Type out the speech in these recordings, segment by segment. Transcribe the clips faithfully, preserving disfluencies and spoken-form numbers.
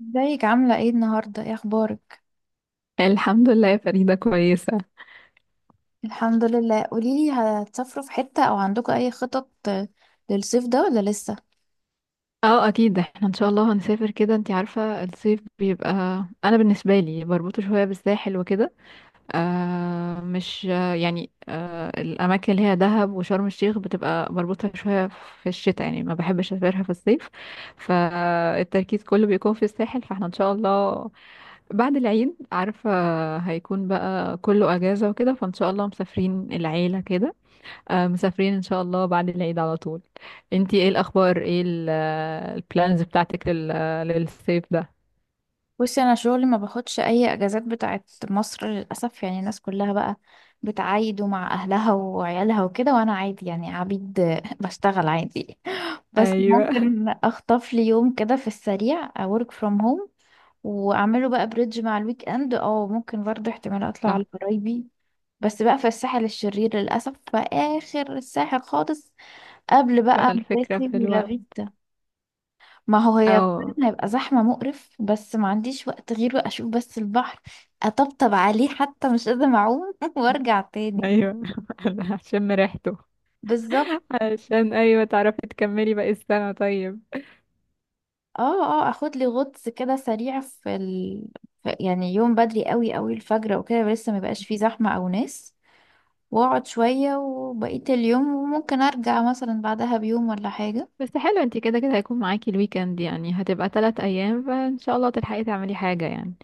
ازيك، عاملة ايه النهاردة؟ ايه اخبارك؟ الحمد لله يا فريدة، كويسة. الحمد لله. قوليلي، هتسافروا في حتة او عندكم اي خطط آه، للصيف ده ولا لسه؟ اه، اكيد احنا ان شاء الله هنسافر. كده انتي عارفة، الصيف بيبقى، انا بالنسبة لي بربطه شوية بالساحل وكده. آه مش، آه يعني، آه الاماكن اللي هي دهب وشرم الشيخ بتبقى بربطها شوية في الشتاء، يعني ما بحبش اسافرها في الصيف. فالتركيز كله بيكون في الساحل، فاحنا ان شاء الله بعد العيد، عارفة، هيكون بقى كله اجازة وكده، فان شاء الله مسافرين العيلة كده. آه، مسافرين ان شاء الله بعد العيد على طول. انتي ايه الاخبار؟ ايه البلانز بتاعتك لل... آه، للصيف ده؟ بصي، انا شغلي ما باخدش اي اجازات بتاعت مصر للاسف. يعني الناس كلها بقى بتعايد مع اهلها وعيالها وكده، وانا عادي يعني عبيد، آه، بشتغل عادي. بس ايوه. ممكن اخطف لي يوم كده في السريع work from home واعمله بقى بريدج مع الويك اند، او ممكن برضه احتمال اطلع صح. على قرايبي، بس بقى في الساحل الشرير للأسف، في آخر الساحل خالص، قبل بقى بقى الفكرة مراسي في الوقت. ولافيتا. ما هو هي او فعلا هيبقى زحمة مقرف، بس ما عنديش وقت غيره. أشوف بس البحر، أطبطب عليه، حتى مش قادرة أعوم وأرجع تاني. ايوه. عشان ريحته. بالظبط. عشان، ايوه، تعرفي تكملي باقي السنة. طيب، اه اه، اخد لي غطس كده سريع في ال... في- يعني يوم بدري قوي قوي، الفجر وكده، لسه ما بقاش فيه زحمة او ناس، واقعد شوية وبقية اليوم، وممكن ارجع مثلا بعدها بيوم ولا حاجة. بس حلو، انتي كده كده هيكون معاكي الويكند، يعني هتبقى ثلاث ايام فان شاء الله تلحقي تعملي حاجة يعني.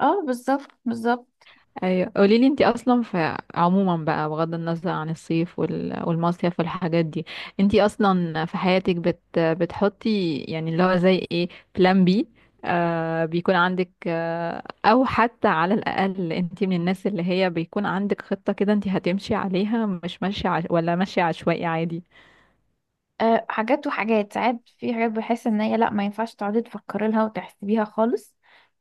اه بالظبط بالظبط. ايوه، قولي لي، انت اصلا في عموما بقى، بغض النظر عن الصيف وال- والمصيف والحاجات دي، انت اصلا في حياتك بت بتحطي، يعني اللي هو زي ايه، بلان بي، آه بيكون عندك، آه او حتى على الاقل، انت من الناس اللي هي بيكون عندك خطة كده انت هتمشي عليها، مش ماشية عش... ولا ماشية عشوائي عادي؟ أه، حاجات وحاجات. ساعات في حاجات بحس ان هي لا، ما ينفعش تقعدي تفكري لها وتحسبيها خالص،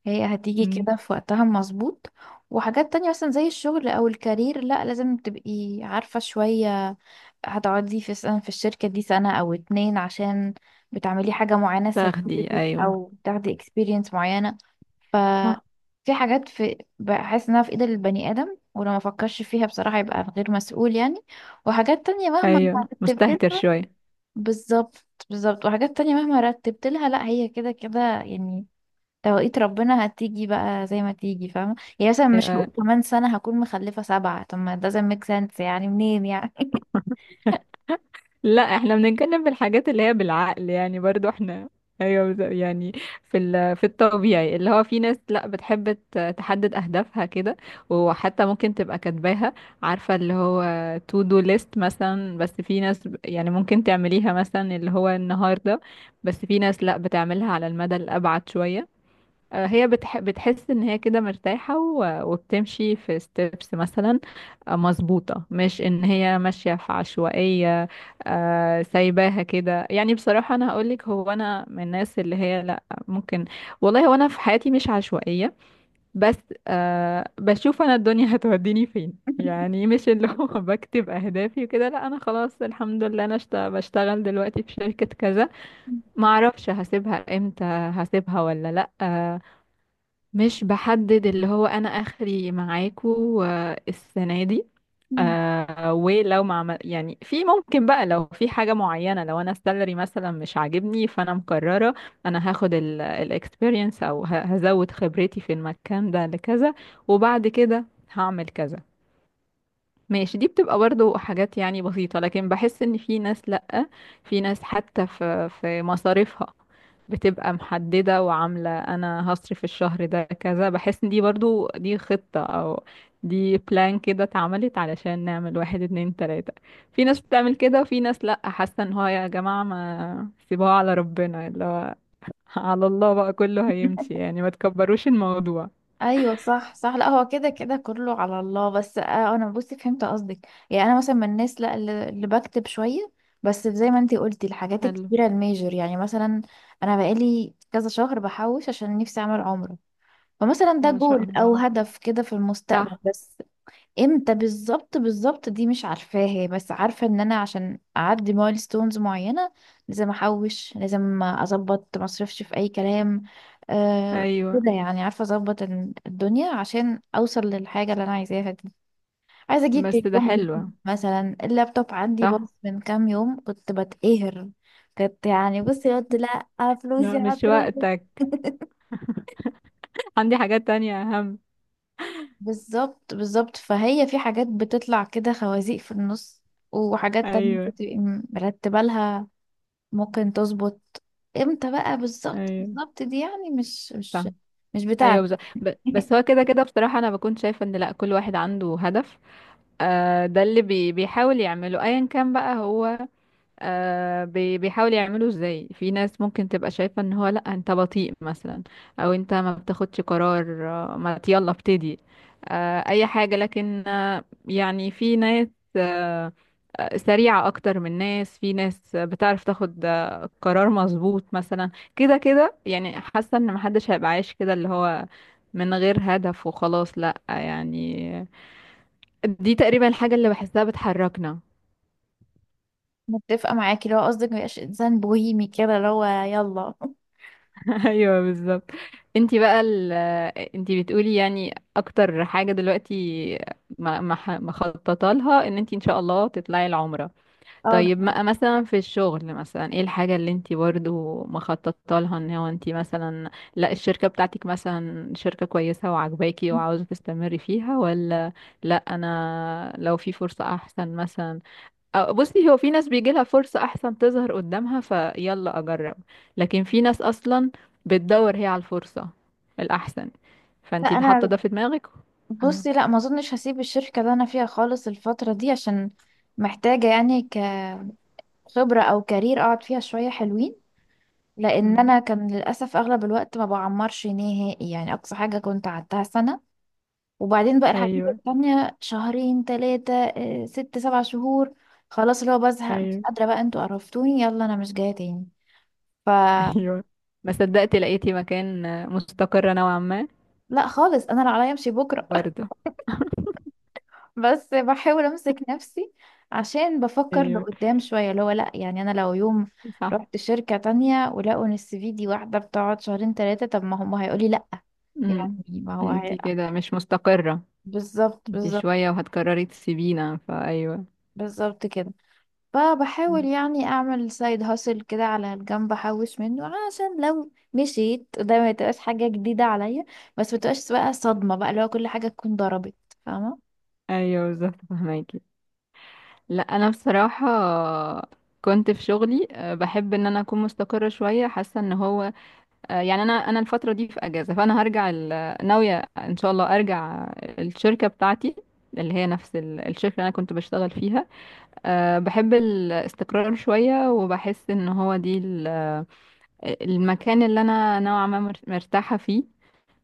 هي هتيجي مم. كده في وقتها مظبوط. وحاجات تانية مثلا زي الشغل او الكارير، لا لازم تبقي عارفة شوية هتقعدي في سنة في الشركة دي، سنة او اتنين، عشان بتعملي حاجة معينة، تاخدي. سيرتيفيكت ايوه، او بتاخدي اكسبيرينس معينة. ف صح. في حاجات، في بحس انها في ايد البني ادم، ولو ما فكرش فيها بصراحة يبقى غير مسؤول يعني. وحاجات تانية مهما، ايوه، مستهتر شوية. بالظبط بالظبط. وحاجات تانية مهما رتبت لها، لا هي كده كده يعني، توقيت ربنا هتيجي بقى زي ما تيجي، فاهمة؟ يعني مثلا مش ايوه، هقول كمان سنة هكون مخلفة سبعة، طب ما doesn't make sense يعني، منين يعني؟ لا احنا بنتكلم في الحاجات اللي هي بالعقل، يعني برضو احنا، ايوه، بز- يعني في ال- في الطبيعي، اللي هو في ناس لا، بتحب ت- تحدد اهدافها كده، وحتى ممكن تبقى كاتباها، عارفه، اللي هو تو دو ليست مثلا. بس في ناس، ب- يعني ممكن تعمليها مثلا اللي هو النهارده، بس في ناس لا، بتعملها على المدى الابعد شويه. آه، هي بتح... بتحس ان هي كده مرتاحة و... وبتمشي في ستيبس مثلا. آه، مظبوطة، مش ان هي ماشية في عشوائية. آه، سايباها كده. يعني بصراحة انا هقولك، هو انا من الناس اللي هي لا، ممكن، والله هو انا في حياتي مش عشوائية، بس أه بشوف انا الدنيا هتوديني فين، يعني مش اللي هو بكتب اهدافي وكده، لا انا خلاص، الحمد لله انا اشت- بشتغل دلوقتي في شركة كذا، معرفش هسيبها امتى، هسيبها ولا لا. مش بحدد اللي هو انا اخري معاكو آه، السنه دي. آه ولو ما عمل يعني، في ممكن بقى لو في حاجه معينه، لو انا السالري مثلا مش عاجبني فانا مقرره انا هاخد الاكسبيرينس او ه- هزود خبرتي في المكان ده لكذا، وبعد كده هعمل كذا. ماشي، دي بتبقى برضو حاجات يعني بسيطة، لكن بحس ان في ناس لأ، في ناس حتى في في مصاريفها بتبقى محددة وعاملة انا هصرف الشهر ده كذا، بحس ان دي برضو، دي خطة او دي بلان كده اتعملت علشان نعمل واحد، اتنين، تلاتة. في ناس بتعمل كده، وفي ناس لأ، حاسة ان هو يا جماعة ما سيبوها على ربنا، اللي هو على الله بقى كله هيمشي، يعني ما تكبروش الموضوع. ايوه صح صح. لا هو كده كده كله على الله، بس آه انا بصي فهمت قصدك. يعني انا مثلا من الناس لا، اللي اللي بكتب شويه، بس زي ما انتي قلتي الحاجات حلو. الكبيره الميجر. يعني مثلا انا بقالي كذا شهر بحوش عشان نفسي اعمل عمره، فمثلا ده ما شاء جول او الله. هدف كده في المستقبل. صح. بس امتى بالظبط بالظبط دي مش عارفاها، بس عارفه ان انا عشان اعدي مايلستونز معينه لازم احوش، لازم اظبط، ما اصرفش في اي كلام، آه ايوه. كده يعني. عارفه اظبط ال- الدنيا عشان اوصل للحاجه اللي انا عايزاها دي. عايزه اجيب بس ده تليفون حلو. جديد مثلا، اللابتوب عندي باظ صح. من كام يوم، كنت بتقهر، كنت يعني بصي قلت لا، فلوسي لا، مش هتروح. وقتك. عندي حاجات تانية أهم. بالظبط بالظبط. فهي في حاجات بتطلع كده خوازيق في النص، وحاجات تانية أيوه. انت تبقي مرتبة لها ممكن تظبط. امتى بقى بالظبط أيوه، بالظبط دي، يعني مش صح. مش مش أيوه، بتاعتي. بز... ب... بس هو كده كده، بصراحة أنا بكون شايفة إن لأ، كل واحد عنده هدف، آه ده اللي بي... بيحاول يعمله، أيا كان بقى هو آه بي- بيحاولوا يعملوا ازاي. في ناس ممكن تبقى شايفة ان هو لا، انت بطيء مثلا، او انت ما بتاخدش قرار، آه، ما ت- يلا ابتدي، آه اي حاجة، لكن آه يعني في ناس، آه آه، سريعة اكتر من ناس، في ناس بتعرف تاخد آه، قرار مظبوط مثلا. كده كده يعني حاسة ان محدش هيبقى عايش كده اللي هو من غير هدف وخلاص، لا يعني، دي تقريبا الحاجة اللي بحسها بتحركنا. متفقة معاكي لو قصدك ميبقاش انسان بوهيمي كده اللي هو يلا. ايوه، بالظبط. انتي بقى ال... انتي بتقولي يعني اكتر حاجه دلوقتي ما ما ح- مخططه لها، ان انتي ان شاء الله تطلعي العمره. اه طيب، طبعاً. ما مثلا في الشغل، مثلا ايه الحاجه اللي انتي برضو مخططه لها؟ ان هو انتي مثلا لا الشركه بتاعتك مثلا شركه كويسه وعجباكي وعاوزه تستمري فيها، ولا لا انا لو في فرصه احسن مثلا؟ أه، بصي، هو في ناس بيجي لها فرصة أحسن تظهر قدامها فيلا أجرب، لكن في ناس أصلا بتدور هي على الفرصة الأحسن، لا فأنتي ده- حاطة انا ده في دماغك. مم. بصي، لا ما اظنش هسيب الشركة اللي انا فيها خالص الفترة دي، عشان محتاجة يعني كخبرة او كارير اقعد فيها شوية حلوين. لان مم. انا كان للاسف اغلب الوقت ما بعمرش نهائي، يعني اقصى حاجه كنت قعدتها سنه، وبعدين بقى الحاجات أيوه. التانية شهرين تلاتة، آه، ست سبع شهور، خلاص اللي هو بزهق، مش أيوه. قادره بقى، انتوا قرفتوني يلا انا مش جايه تاني. ف أيوه. ما صدقت لقيتي مكان آه، مستقرة نوعا ما. لا خالص، انا لو عليا امشي بكره. برضه. بس بحاول امسك نفسي، عشان بفكر أيوه، لقدام شويه، اللي هو لا يعني انا لو يوم صح. رحت شركه تانية ولقوا ان السي في دي واحده بتقعد شهرين تلاتة، طب ما هم هيقولي لا، يعني مم. ما هو هي... أنتي كده مش مستقرة. بالظبط أنتي بالظبط. شوية وهتقرري تسيبينا، فأيوه. بالظبط كده. فبحاول مم. يعني اعمل سايد هاسل كده على الجنب، احوش منه، عشان لو مشيت ده ما تبقاش حاجة جديدة عليا، بس ما تبقاش بقى صدمة بقى اللي هو كل حاجة تكون ضربت. فاهمة؟ أيوه بالظبط، فهماكي. لا انا بصراحه كنت في شغلي آه، بحب ان انا اكون مستقره شويه، حاسه ان هو آه، يعني انا انا الفتره دي في اجازه، فانا هرجع ال- ناويه ان شاء الله ارجع الشركه بتاعتي، اللي هي نفس ال- الشركه اللي انا كنت بشتغل فيها. آه، بحب الاستقرار شويه، وبحس ان هو دي ال- آه، المكان اللي انا نوعا ما مر- مرتاحه فيه،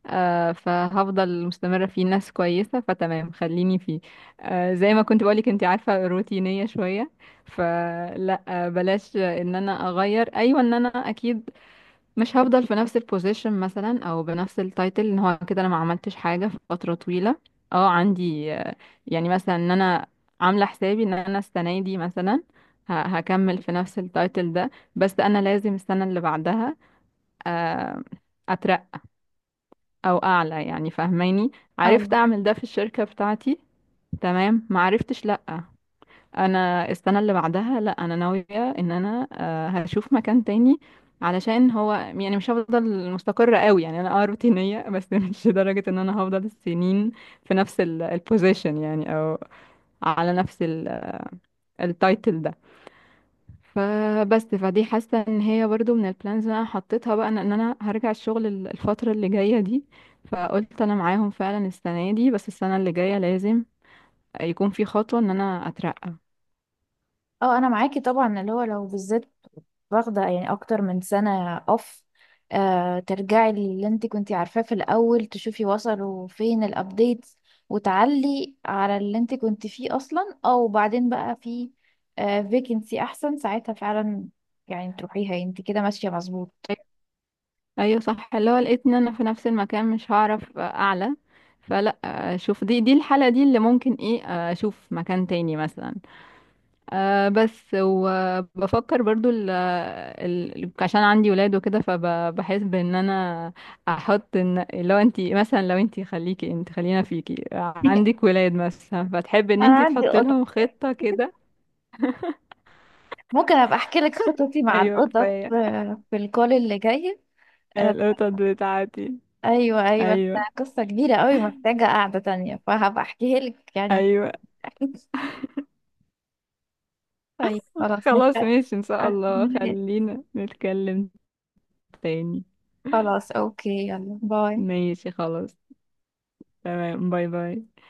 آه فهفضل مستمرة فيه، ناس كويسة فتمام خليني فيه. آه زي ما كنت بقولك انت عارفة، روتينية شوية، فلا آه بلاش ان انا اغير. ايوه، ان انا اكيد مش هفضل في نفس البوزيشن مثلا او بنفس التايتل، ان هو كده انا ما عملتش حاجة في فترة طويلة. اه، عندي آه يعني مثلا، ان انا عاملة حسابي ان انا السنة دي مثلا ه- هكمل في نفس التايتل ده، بس انا لازم السنة اللي بعدها آه او اعلى، يعني فاهماني، عرفت اه اعمل ده في الشركة بتاعتي، تمام. ما عرفتش، لا، انا السنة اللي بعدها لا، انا ناوية ان انا آه، هشوف مكان تاني. علشان هو يعني مش هفضل مستقرة قوي، يعني انا اه روتينية بس، مش لدرجة ان انا هفضل السنين في نفس البوزيشن يعني، او على نفس التايتل ده. فبس، فدي حاسه ان هي برضو من البلانز اللي انا حطيتها بقى، ان إن انا هرجع الشغل ال- الفتره اللي جايه دي، فقلت انا معاهم فعلا السنه دي، بس السنه اللي جايه لازم يكون في خطوه ان انا اترقى. اه، انا معاكي طبعا، اللي هو لو بالذات واخدة يعني أكتر من سنة أوف، آه ترجعي للي انت كنتي عارفاه في الأول، تشوفي وصلوا فين الأبديتس، وتعلي على اللي انت كنتي فيه أصلا، أو بعدين بقى في آه فيكنسي أحسن ساعتها فعلا. يعني تروحيها انت كده ماشية مظبوط. ايوه، صح. اللي هو لقيت ان انا في نفس المكان مش هعرف اعلى، فلا اشوف، دي دي الحاله دي اللي ممكن ايه، اشوف مكان تاني مثلا. آه بس، وبفكر برضو ال ال عشان عندي ولاد وكده، فبحس بان انا احط، ان لو انتي مثلا، لو انتي، خليكي انت، خلينا فيكي عندك ولاد مثلا فتحب ان انا انتي عندي تحط قطط. لهم خطة كده. ممكن أبقى أحكي لك خططي مع ايوه القطط كفاية. آه، في الكول اللي جاي. آه القطط بتاعتي. أيوة أيوة. ده ايوه. قصة كبيرة قوي، محتاجة قعدة تانية، فهبقى أحكيها لك يعني. ايوه. طيب خلاص خلاص نبدأ. ماشي ان شاء الله، أكمل. خلينا نتكلم تاني. خلاص اوكي، يلا باي. ماشي خلاص. تمام، باي باي.